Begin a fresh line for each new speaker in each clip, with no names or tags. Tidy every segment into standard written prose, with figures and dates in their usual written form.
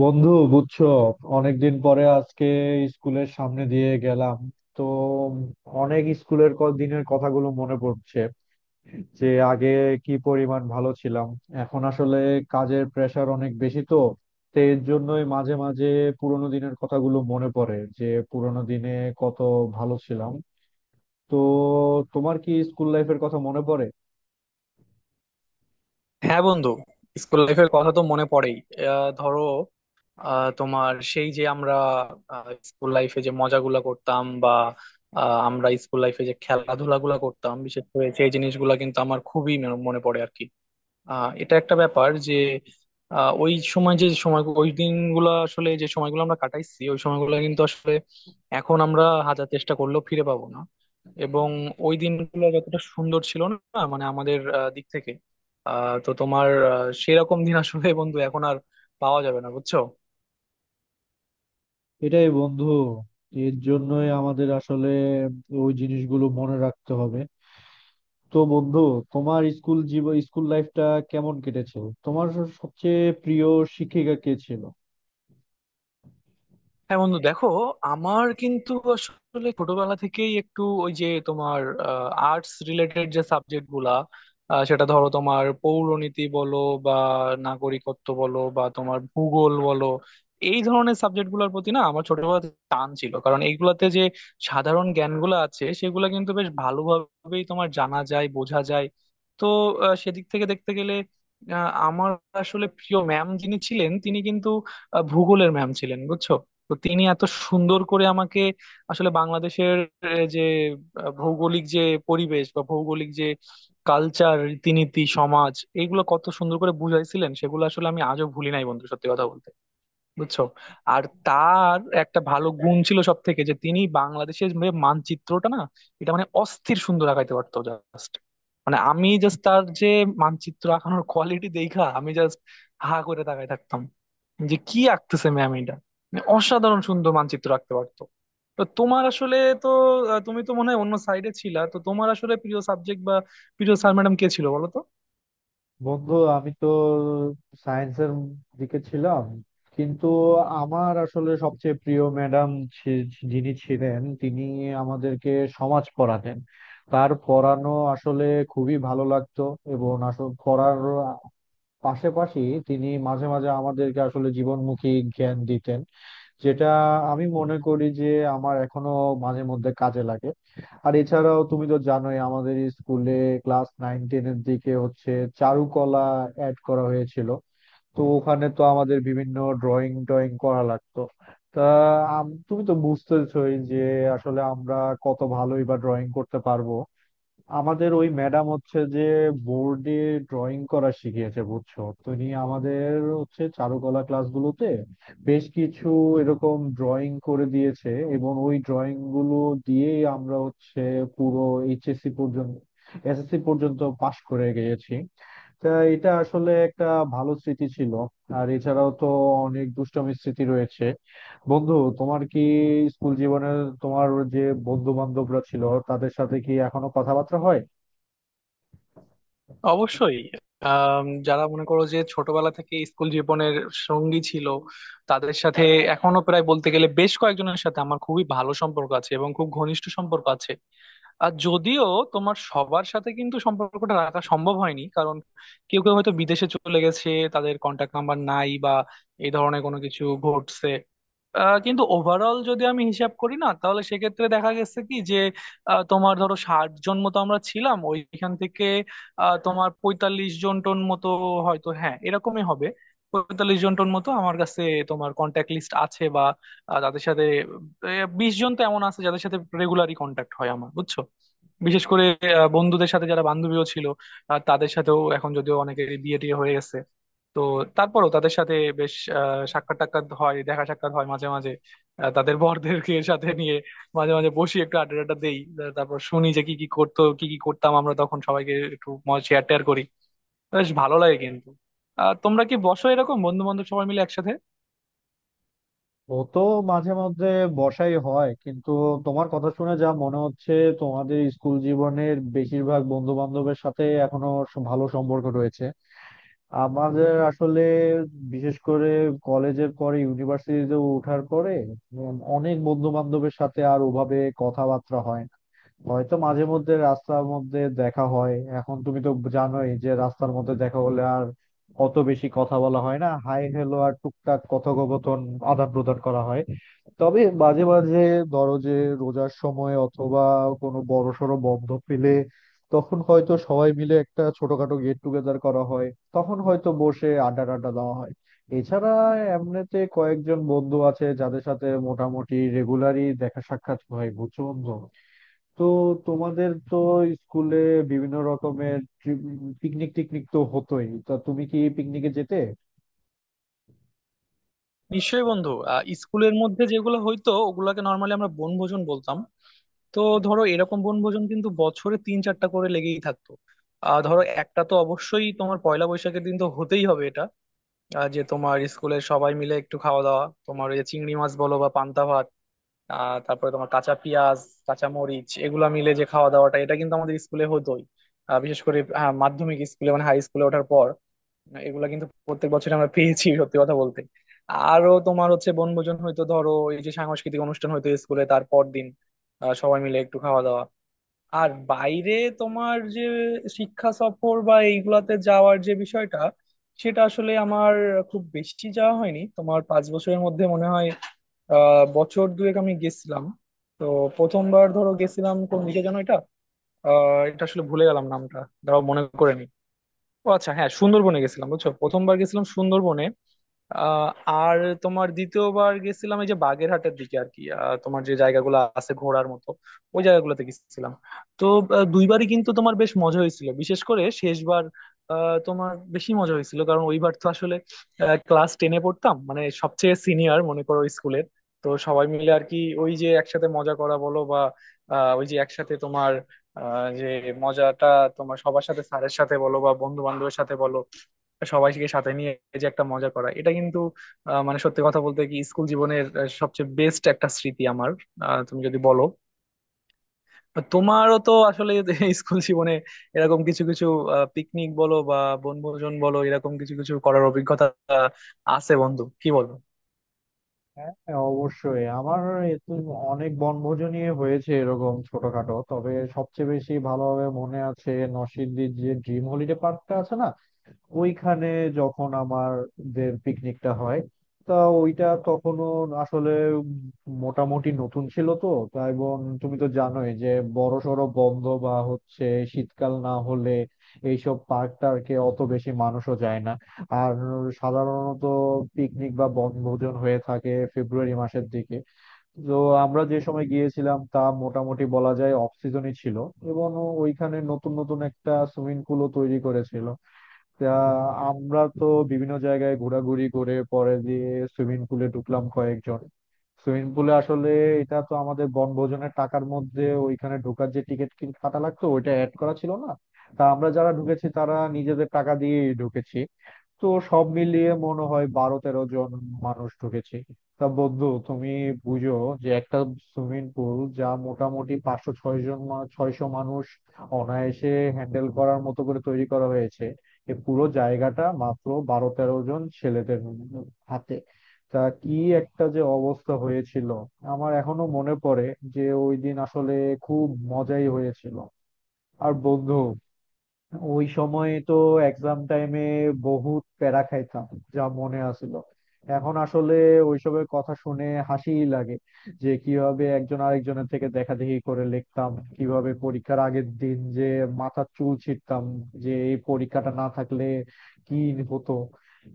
বন্ধু, বুঝছো, অনেকদিন পরে আজকে স্কুলের সামনে দিয়ে গেলাম। তো অনেক দিনের কথাগুলো মনে পড়ছে যে আগে কি পরিমাণ ভালো ছিলাম। এখন আসলে কাজের প্রেশার অনেক বেশি, তো তো এর জন্যই মাঝে মাঝে পুরোনো দিনের কথাগুলো মনে পড়ে যে পুরোনো দিনে কত ভালো ছিলাম। তো তোমার কি স্কুল লাইফের কথা মনে পড়ে?
হ্যাঁ বন্ধু, স্কুল লাইফের কথা তো মনে পড়েই। ধরো, তোমার সেই যে আমরা স্কুল লাইফে যে মজাগুলা করতাম বা আমরা স্কুল লাইফে যে খেলাধুলা গুলা করতাম, বিশেষ করে সেই জিনিসগুলা কিন্তু আমার খুবই মনে মনে পড়ে আর কি। এটা একটা ব্যাপার যে ওই সময় যে সময় ওই দিনগুলো আসলে যে সময়গুলো আমরা কাটাইছি ওই সময়গুলো কিন্তু আসলে এখন আমরা হাজার চেষ্টা করলেও ফিরে পাবো না। এবং ওই দিনগুলো যতটা সুন্দর ছিল না মানে আমাদের দিক থেকে, তো তোমার সেরকম দিন আসলে বন্ধু এখন আর পাওয়া যাবে না, বুঝছো।
এটাই বন্ধু, এর জন্যই আমাদের আসলে ওই জিনিসগুলো মনে রাখতে হবে। তো বন্ধু, তোমার স্কুল জীবন, স্কুল লাইফটা কেমন কেটেছে? সবচেয়ে প্রিয় শিক্ষিকা কে ছিল?
হ্যাঁ বন্ধু দেখো, আমার কিন্তু আসলে ছোটবেলা থেকেই একটু ওই যে তোমার আর্টস রিলেটেড যে সাবজেক্ট গুলা, সেটা ধরো তোমার পৌরনীতি বলো বা নাগরিকত্ব বলো বা তোমার ভূগোল বলো, এই ধরনের সাবজেক্ট গুলোর প্রতি না আমার ছোটবেলা থেকে টান ছিল, কারণ এইগুলাতে যে সাধারণ জ্ঞানগুলো আছে সেগুলো কিন্তু বেশ ভালোভাবেই তোমার জানা যায় বোঝা যায়। তো সেদিক থেকে দেখতে গেলে আমার আসলে প্রিয় ম্যাম যিনি ছিলেন তিনি কিন্তু ভূগোলের ম্যাম ছিলেন বুঝছো। তো তিনি এত সুন্দর করে আমাকে আসলে বাংলাদেশের আহ, যে ভৌগোলিক যে পরিবেশ বা ভৌগোলিক যে কালচার, রীতিনীতি, সমাজ, এগুলো কত সুন্দর করে বুঝাইছিলেন সেগুলো আসলে আমি আজও ভুলি নাই বন্ধু, সত্যি কথা বলতে, বুঝছো। আর তার একটা ভালো গুণ ছিল সব থেকে, যে তিনি বাংলাদেশের যে মানচিত্রটা না, এটা মানে অস্থির সুন্দর আঁকাইতে পারতো জাস্ট। মানে আমি জাস্ট তার যে মানচিত্র আঁকানোর কোয়ালিটি দেখা আমি জাস্ট হা করে তাকাই থাকতাম যে কি আঁকতেছে ম্যাম এটা। মানে অসাধারণ সুন্দর মানচিত্র আঁকতে পারতো। তো তোমার আসলে, তো তুমি তো মনে হয় অন্য সাইডে ছিলা, তো তোমার আসলে প্রিয় সাবজেক্ট বা প্রিয় স্যার ম্যাডাম কে ছিল বলো তো।
বন্ধু, আমি তো সায়েন্সের দিকে ছিলাম, কিন্তু আমার আসলে সবচেয়ে প্রিয় ম্যাডাম যিনি ছিলেন, তিনি আমাদেরকে সমাজ পড়াতেন। তার পড়ানো আসলে খুবই ভালো লাগতো। এবং আসলে পড়ার পাশাপাশি তিনি মাঝে মাঝে আমাদেরকে আসলে জীবনমুখী জ্ঞান দিতেন, যেটা আমি মনে করি যে আমার এখনো মাঝে মধ্যে কাজে লাগে। আর এছাড়াও তুমি তো জানোই, আমাদের স্কুলে ক্লাস 9 10 এর দিকে হচ্ছে চারুকলা অ্যাড করা হয়েছিল। তো ওখানে তো আমাদের বিভিন্ন ড্রয়িং টয়িং করা লাগতো। তা তুমি তো বুঝতেছই যে আসলে আমরা কত ভালোই বা ড্রয়িং করতে পারবো। আমাদের ওই ম্যাডাম হচ্ছে যে বোর্ডে ড্রয়িং করা শিখিয়েছে, বুঝছো। তিনি আমাদের হচ্ছে চারুকলা ক্লাসগুলোতে বেশ কিছু এরকম ড্রয়িং করে দিয়েছে, এবং ওই ড্রয়িং গুলো দিয়েই আমরা হচ্ছে পুরো এইচএসসি পর্যন্ত, এসএসসি পর্যন্ত পাশ করে গিয়েছি। তা এটা আসলে একটা ভালো স্মৃতি ছিল। আর এছাড়াও তো অনেক দুষ্টামি স্মৃতি রয়েছে। বন্ধু, তোমার কি স্কুল জীবনে তোমার যে বন্ধু বান্ধবরা ছিল, তাদের সাথে কি এখনো কথাবার্তা হয়?
অবশ্যই। যারা মনে করো যে ছোটবেলা থেকে স্কুল জীবনের সঙ্গী ছিল তাদের সাথে এখনো প্রায় বলতে গেলে বেশ কয়েকজনের সাথে আমার খুবই ভালো সম্পর্ক আছে এবং খুব ঘনিষ্ঠ সম্পর্ক আছে। আর যদিও তোমার সবার সাথে কিন্তু সম্পর্কটা রাখা সম্ভব হয়নি, কারণ কেউ কেউ হয়তো বিদেশে চলে গেছে, তাদের কন্টাক্ট নাম্বার নাই বা এই ধরনের কোনো কিছু ঘটছে। কিন্তু ওভারঅল যদি আমি হিসাব করি না তাহলে সেক্ষেত্রে দেখা গেছে কি যে তোমার ধরো 60 জন মতো আমরা ছিলাম, ওইখান থেকে তোমার 45 জন টোন মতো, হয়তো হ্যাঁ এরকমই হবে। 45 জন টোন মতো আমার কাছে তোমার কন্ট্যাক্ট লিস্ট আছে বা তাদের সাথে 20 জন তো এমন আছে যাদের সাথে রেগুলারই কন্ট্যাক্ট হয় আমার, বুঝছো। বিশেষ করে বন্ধুদের সাথে যারা বান্ধবীও ছিল, তাদের সাথেও এখন যদিও অনেকের বিয়ে টিয়ে হয়ে গেছে, তো তারপরও তাদের সাথে বেশ সাক্ষাৎ টাক্ষাৎ হয়, দেখা সাক্ষাৎ হয় মাঝে মাঝে। তাদের বরদেরকে সাথে নিয়ে মাঝে মাঝে বসি, একটু আড্ডা টাড্ডা দেই, তারপর শুনি যে কি কি করতো কি কি করতাম আমরা তখন, সবাইকে একটু শেয়ার টেয়ার করি। বেশ ভালো লাগে কিন্তু। তোমরা কি বসো এরকম বন্ধু বান্ধব সবাই মিলে একসাথে?
ও তো মাঝে মধ্যে বসাই হয়, কিন্তু তোমার কথা শুনে যা মনে হচ্ছে তোমাদের স্কুল জীবনের বেশিরভাগ বন্ধু বান্ধবের সাথে এখনো ভালো সম্পর্ক রয়েছে। আমাদের আসলে বিশেষ করে কলেজের পরে ইউনিভার্সিটিতে ওঠার পরে অনেক বন্ধু বান্ধবের সাথে আর ওভাবে কথাবার্তা হয় না। হয়তো মাঝে মধ্যে রাস্তার মধ্যে দেখা হয়। এখন তুমি তো জানোই যে রাস্তার মধ্যে দেখা হলে আর অত বেশি কথা বলা হয় না, হাই হ্যালো আর টুকটাক কথোপকথন আদান প্রদান করা হয়। তবে মাঝে মাঝে ধরো যে রোজার সময় অথবা কোনো বড় সড়ো বন্ধ পেলে, তখন হয়তো সবাই মিলে একটা ছোটখাটো গেট টুগেদার করা হয়, তখন হয়তো বসে আড্ডা টাড্ডা দেওয়া হয়। এছাড়া এমনিতে কয়েকজন বন্ধু আছে যাদের সাথে মোটামুটি রেগুলারই দেখা সাক্ষাৎ হয়, বুঝছো বন্ধু। তো তোমাদের তো স্কুলে বিভিন্ন রকমের পিকনিক টিকনিক তো হতোই, তা তুমি কি পিকনিকে যেতে?
নিশ্চয়ই বন্ধু। স্কুলের মধ্যে যেগুলো হইতো ওগুলোকে নর্মালি আমরা বনভোজন বলতাম। তো ধরো এরকম বনভোজন কিন্তু বছরে তিন চারটা করে লেগেই থাকতো। ধরো একটা তো অবশ্যই তোমার পয়লা বৈশাখের দিন তো হতেই হবে এটা, যে তোমার স্কুলের সবাই মিলে একটু খাওয়া দাওয়া, তোমার ওই যে চিংড়ি মাছ বলো বা পান্তা ভাত, তারপরে তোমার কাঁচা পেঁয়াজ, কাঁচা মরিচ, এগুলা মিলে যে খাওয়া দাওয়াটা এটা কিন্তু আমাদের স্কুলে হতোই। বিশেষ করে মাধ্যমিক স্কুলে মানে হাই স্কুলে ওঠার পর এগুলা কিন্তু প্রত্যেক বছর আমরা পেয়েছি, সত্যি কথা বলতে। আরো তোমার হচ্ছে বনভোজন হয়তো ধরো এই যে সাংস্কৃতিক অনুষ্ঠান হয়তো স্কুলে, তারপর দিন সবাই মিলে একটু খাওয়া দাওয়া। আর বাইরে তোমার যে শিক্ষা সফর বা এইগুলাতে যাওয়ার যে বিষয়টা, সেটা আসলে আমার খুব বেশি যাওয়া হয়নি তোমার 5 বছরের মধ্যে, মনে হয় বছর দুয়েক আমি গেছিলাম। তো প্রথমবার ধরো গেছিলাম কোন দিকে যেন এটা, এটা আসলে ভুলে গেলাম নামটা, দাঁড়াও মনে করে নি। ও আচ্ছা হ্যাঁ, সুন্দরবনে গেছিলাম বুঝছো, প্রথমবার গেছিলাম সুন্দরবনে। আর তোমার দ্বিতীয়বার গেছিলাম এই যে বাগেরহাটের দিকে আর কি, তোমার যে জায়গাগুলো আছে ঘোরার মতো ওই জায়গাগুলোতে গেছিলাম। তো দুইবারই কিন্তু তোমার বেশ মজা হয়েছিল, বিশেষ করে শেষবার তোমার বেশি মজা হয়েছিল, কারণ ওইবার তো আসলে ক্লাস টেনে পড়তাম মানে সবচেয়ে সিনিয়র মনে করো স্কুলের। তো সবাই মিলে আর কি ওই যে একসাথে মজা করা বলো বা আহ, ওই যে একসাথে তোমার আহ, যে মজাটা তোমার সবার সাথে, স্যারের সাথে বলো বা বন্ধু বান্ধবের সাথে বলো, সবাইকে সাথে নিয়ে যে একটা মজা করা, এটা কিন্তু মানে সত্যি কথা বলতে কি স্কুল জীবনের সবচেয়ে বেস্ট একটা স্মৃতি আমার। তুমি যদি বলো, তোমারও তো আসলে স্কুল জীবনে এরকম কিছু কিছু পিকনিক বলো বা বনভোজন বলো, এরকম কিছু কিছু করার অভিজ্ঞতা আহ, আছে বন্ধু, কি বলো।
হ্যাঁ হ্যাঁ, অবশ্যই, আমার এ তো অনেক বনভোজনই হয়েছে এরকম ছোটখাটো। তবে সবচেয়ে বেশি ভালোভাবে মনে আছে নরসিংদীর যে ড্রিম হলিডে পার্কটা আছে না, ওইখানে যখন আমাদের পিকনিকটা হয়। তা ওইটা তখনও আসলে মোটামুটি নতুন ছিল তো, তা এবং তুমি তো জানোই যে বড়সড় বন্ধ বা হচ্ছে শীতকাল না হলে এইসব পার্ক টার্কে অত বেশি মানুষও যায় না। আর সাধারণত পিকনিক বা বনভোজন হয়ে থাকে ফেব্রুয়ারি মাসের দিকে। তো আমরা যে সময় গিয়েছিলাম তা মোটামুটি বলা যায় অফ সিজনই ছিল, এবং ওইখানে নতুন নতুন একটা সুইমিং পুলও তৈরি করেছিল। তা আমরা তো বিভিন্ন জায়গায় ঘোরাঘুরি করে পরে দিয়ে সুইমিং পুলে ঢুকলাম কয়েকজন। সুইমিং পুলে আসলে, এটা তো আমাদের বনভোজনের টাকার মধ্যে ওইখানে ঢোকার যে টিকিট কাটা লাগতো ওইটা অ্যাড করা ছিল না। তা আমরা যারা ঢুকেছি তারা নিজেদের টাকা দিয়ে ঢুকেছি। তো সব মিলিয়ে মনে হয় 12 13 জন মানুষ ঢুকেছি। তা বন্ধু তুমি বুঝো যে একটা সুইমিং পুল যা মোটামুটি 500 6 জন 600 মানুষ অনায়াসে হ্যান্ডেল করার মতো করে তৈরি করা হয়েছে, এ পুরো জায়গাটা মাত্র 12 13 জন ছেলেদের হাতে। তা কি একটা যে অবস্থা হয়েছিল, আমার এখনো মনে পড়ে যে ওই দিন আসলে খুব মজাই হয়েছিল। আর বন্ধু, ওই সময় তো এক্সাম টাইমে বহুত প্যারা খাইতাম, যা মনে আছিল। এখন আসলে ওইসবের কথা শুনে হাসিই লাগে, যে কিভাবে একজন আরেকজনের থেকে দেখাদেখি করে লিখতাম, কিভাবে পরীক্ষার আগের দিন যে মাথার চুল ছিঁড়তাম, যে এই পরীক্ষাটা না থাকলে কি হতো,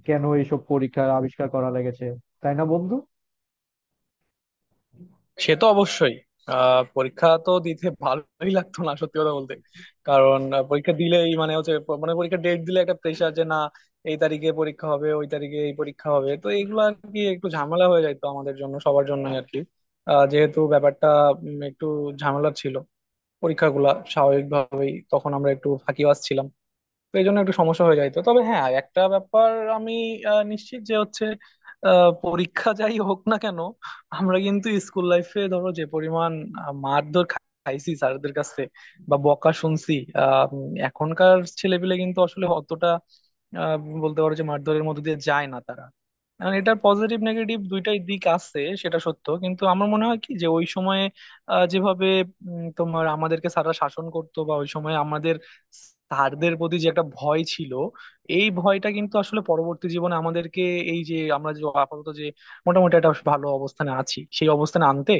কেন এইসব পরীক্ষার আবিষ্কার করা লেগেছে, তাই না বন্ধু?
সে তো অবশ্যই। পরীক্ষা তো দিতে ভালোই লাগতো না, সত্যি কথা বলতে। কারণ পরীক্ষা দিলেই মানে হচ্ছে মানে পরীক্ষা ডেট দিলে একটা প্রেশার যে না এই তারিখে পরীক্ষা হবে ওই তারিখে এই পরীক্ষা হবে, তো এইগুলো আর কি একটু ঝামেলা হয়ে যাইতো আমাদের জন্য, সবার জন্য আর কি। যেহেতু ব্যাপারটা একটু ঝামেলা ছিল পরীক্ষাগুলা, স্বাভাবিকভাবেই তখন আমরা একটু ফাঁকিবাজ ছিলাম তো এই জন্য একটু সমস্যা হয়ে যাইতো। তবে হ্যাঁ একটা ব্যাপার আমি নিশ্চিত যে হচ্ছে পরীক্ষা যাই হোক না কেন আমরা কিন্তু স্কুল লাইফে ধরো যে পরিমাণ মারধর খাইছি স্যারদের কাছে বা বকা শুনছি, এখনকার ছেলেপিলে কিন্তু আসলে অতটা আহ, বলতে পারো যে মারধরের মধ্যে দিয়ে যায় না তারা। কারণ এটার পজিটিভ নেগেটিভ দুইটাই দিক আছে সেটা সত্য, কিন্তু আমার মনে হয় কি যে ওই সময়ে যেভাবে তোমার আমাদেরকে স্যাররা শাসন করতো বা ওই সময় আমাদের স্যারদের প্রতি যে একটা ভয় ছিল, এই ভয়টা কিন্তু আসলে পরবর্তী জীবনে আমাদেরকে, এই যে আমরা যে আপাতত যে মোটামুটি একটা ভালো অবস্থানে আছি সেই অবস্থানে আনতে,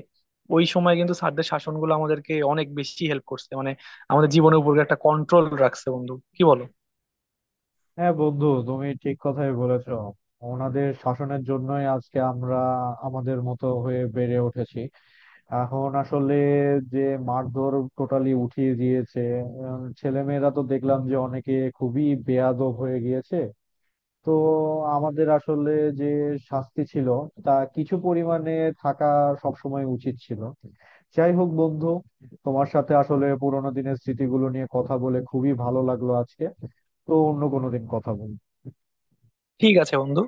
ওই সময় কিন্তু স্যারদের শাসনগুলো আমাদেরকে অনেক বেশি হেল্প করছে, মানে আমাদের জীবনের উপর একটা কন্ট্রোল রাখছে বন্ধু, কি বলো।
হ্যাঁ বন্ধু, তুমি ঠিক কথাই বলেছো, ওনাদের শাসনের জন্যই আজকে আমরা আমাদের মতো হয়ে বেড়ে উঠেছি। এখন আসলে যে মারধর টোটালি উঠিয়ে দিয়েছে, ছেলেমেয়েরা তো দেখলাম যে অনেকে খুবই বেয়াদব হয়ে গিয়েছে। তো আমাদের আসলে যে শাস্তি ছিল তা কিছু পরিমাণে থাকা সবসময় উচিত ছিল। যাই হোক বন্ধু, তোমার সাথে আসলে পুরোনো দিনের স্মৃতিগুলো নিয়ে কথা বলে খুবই ভালো লাগলো আজকে। তো অন্য কোনো দিন কথা বলবো।
ঠিক আছে বন্ধু।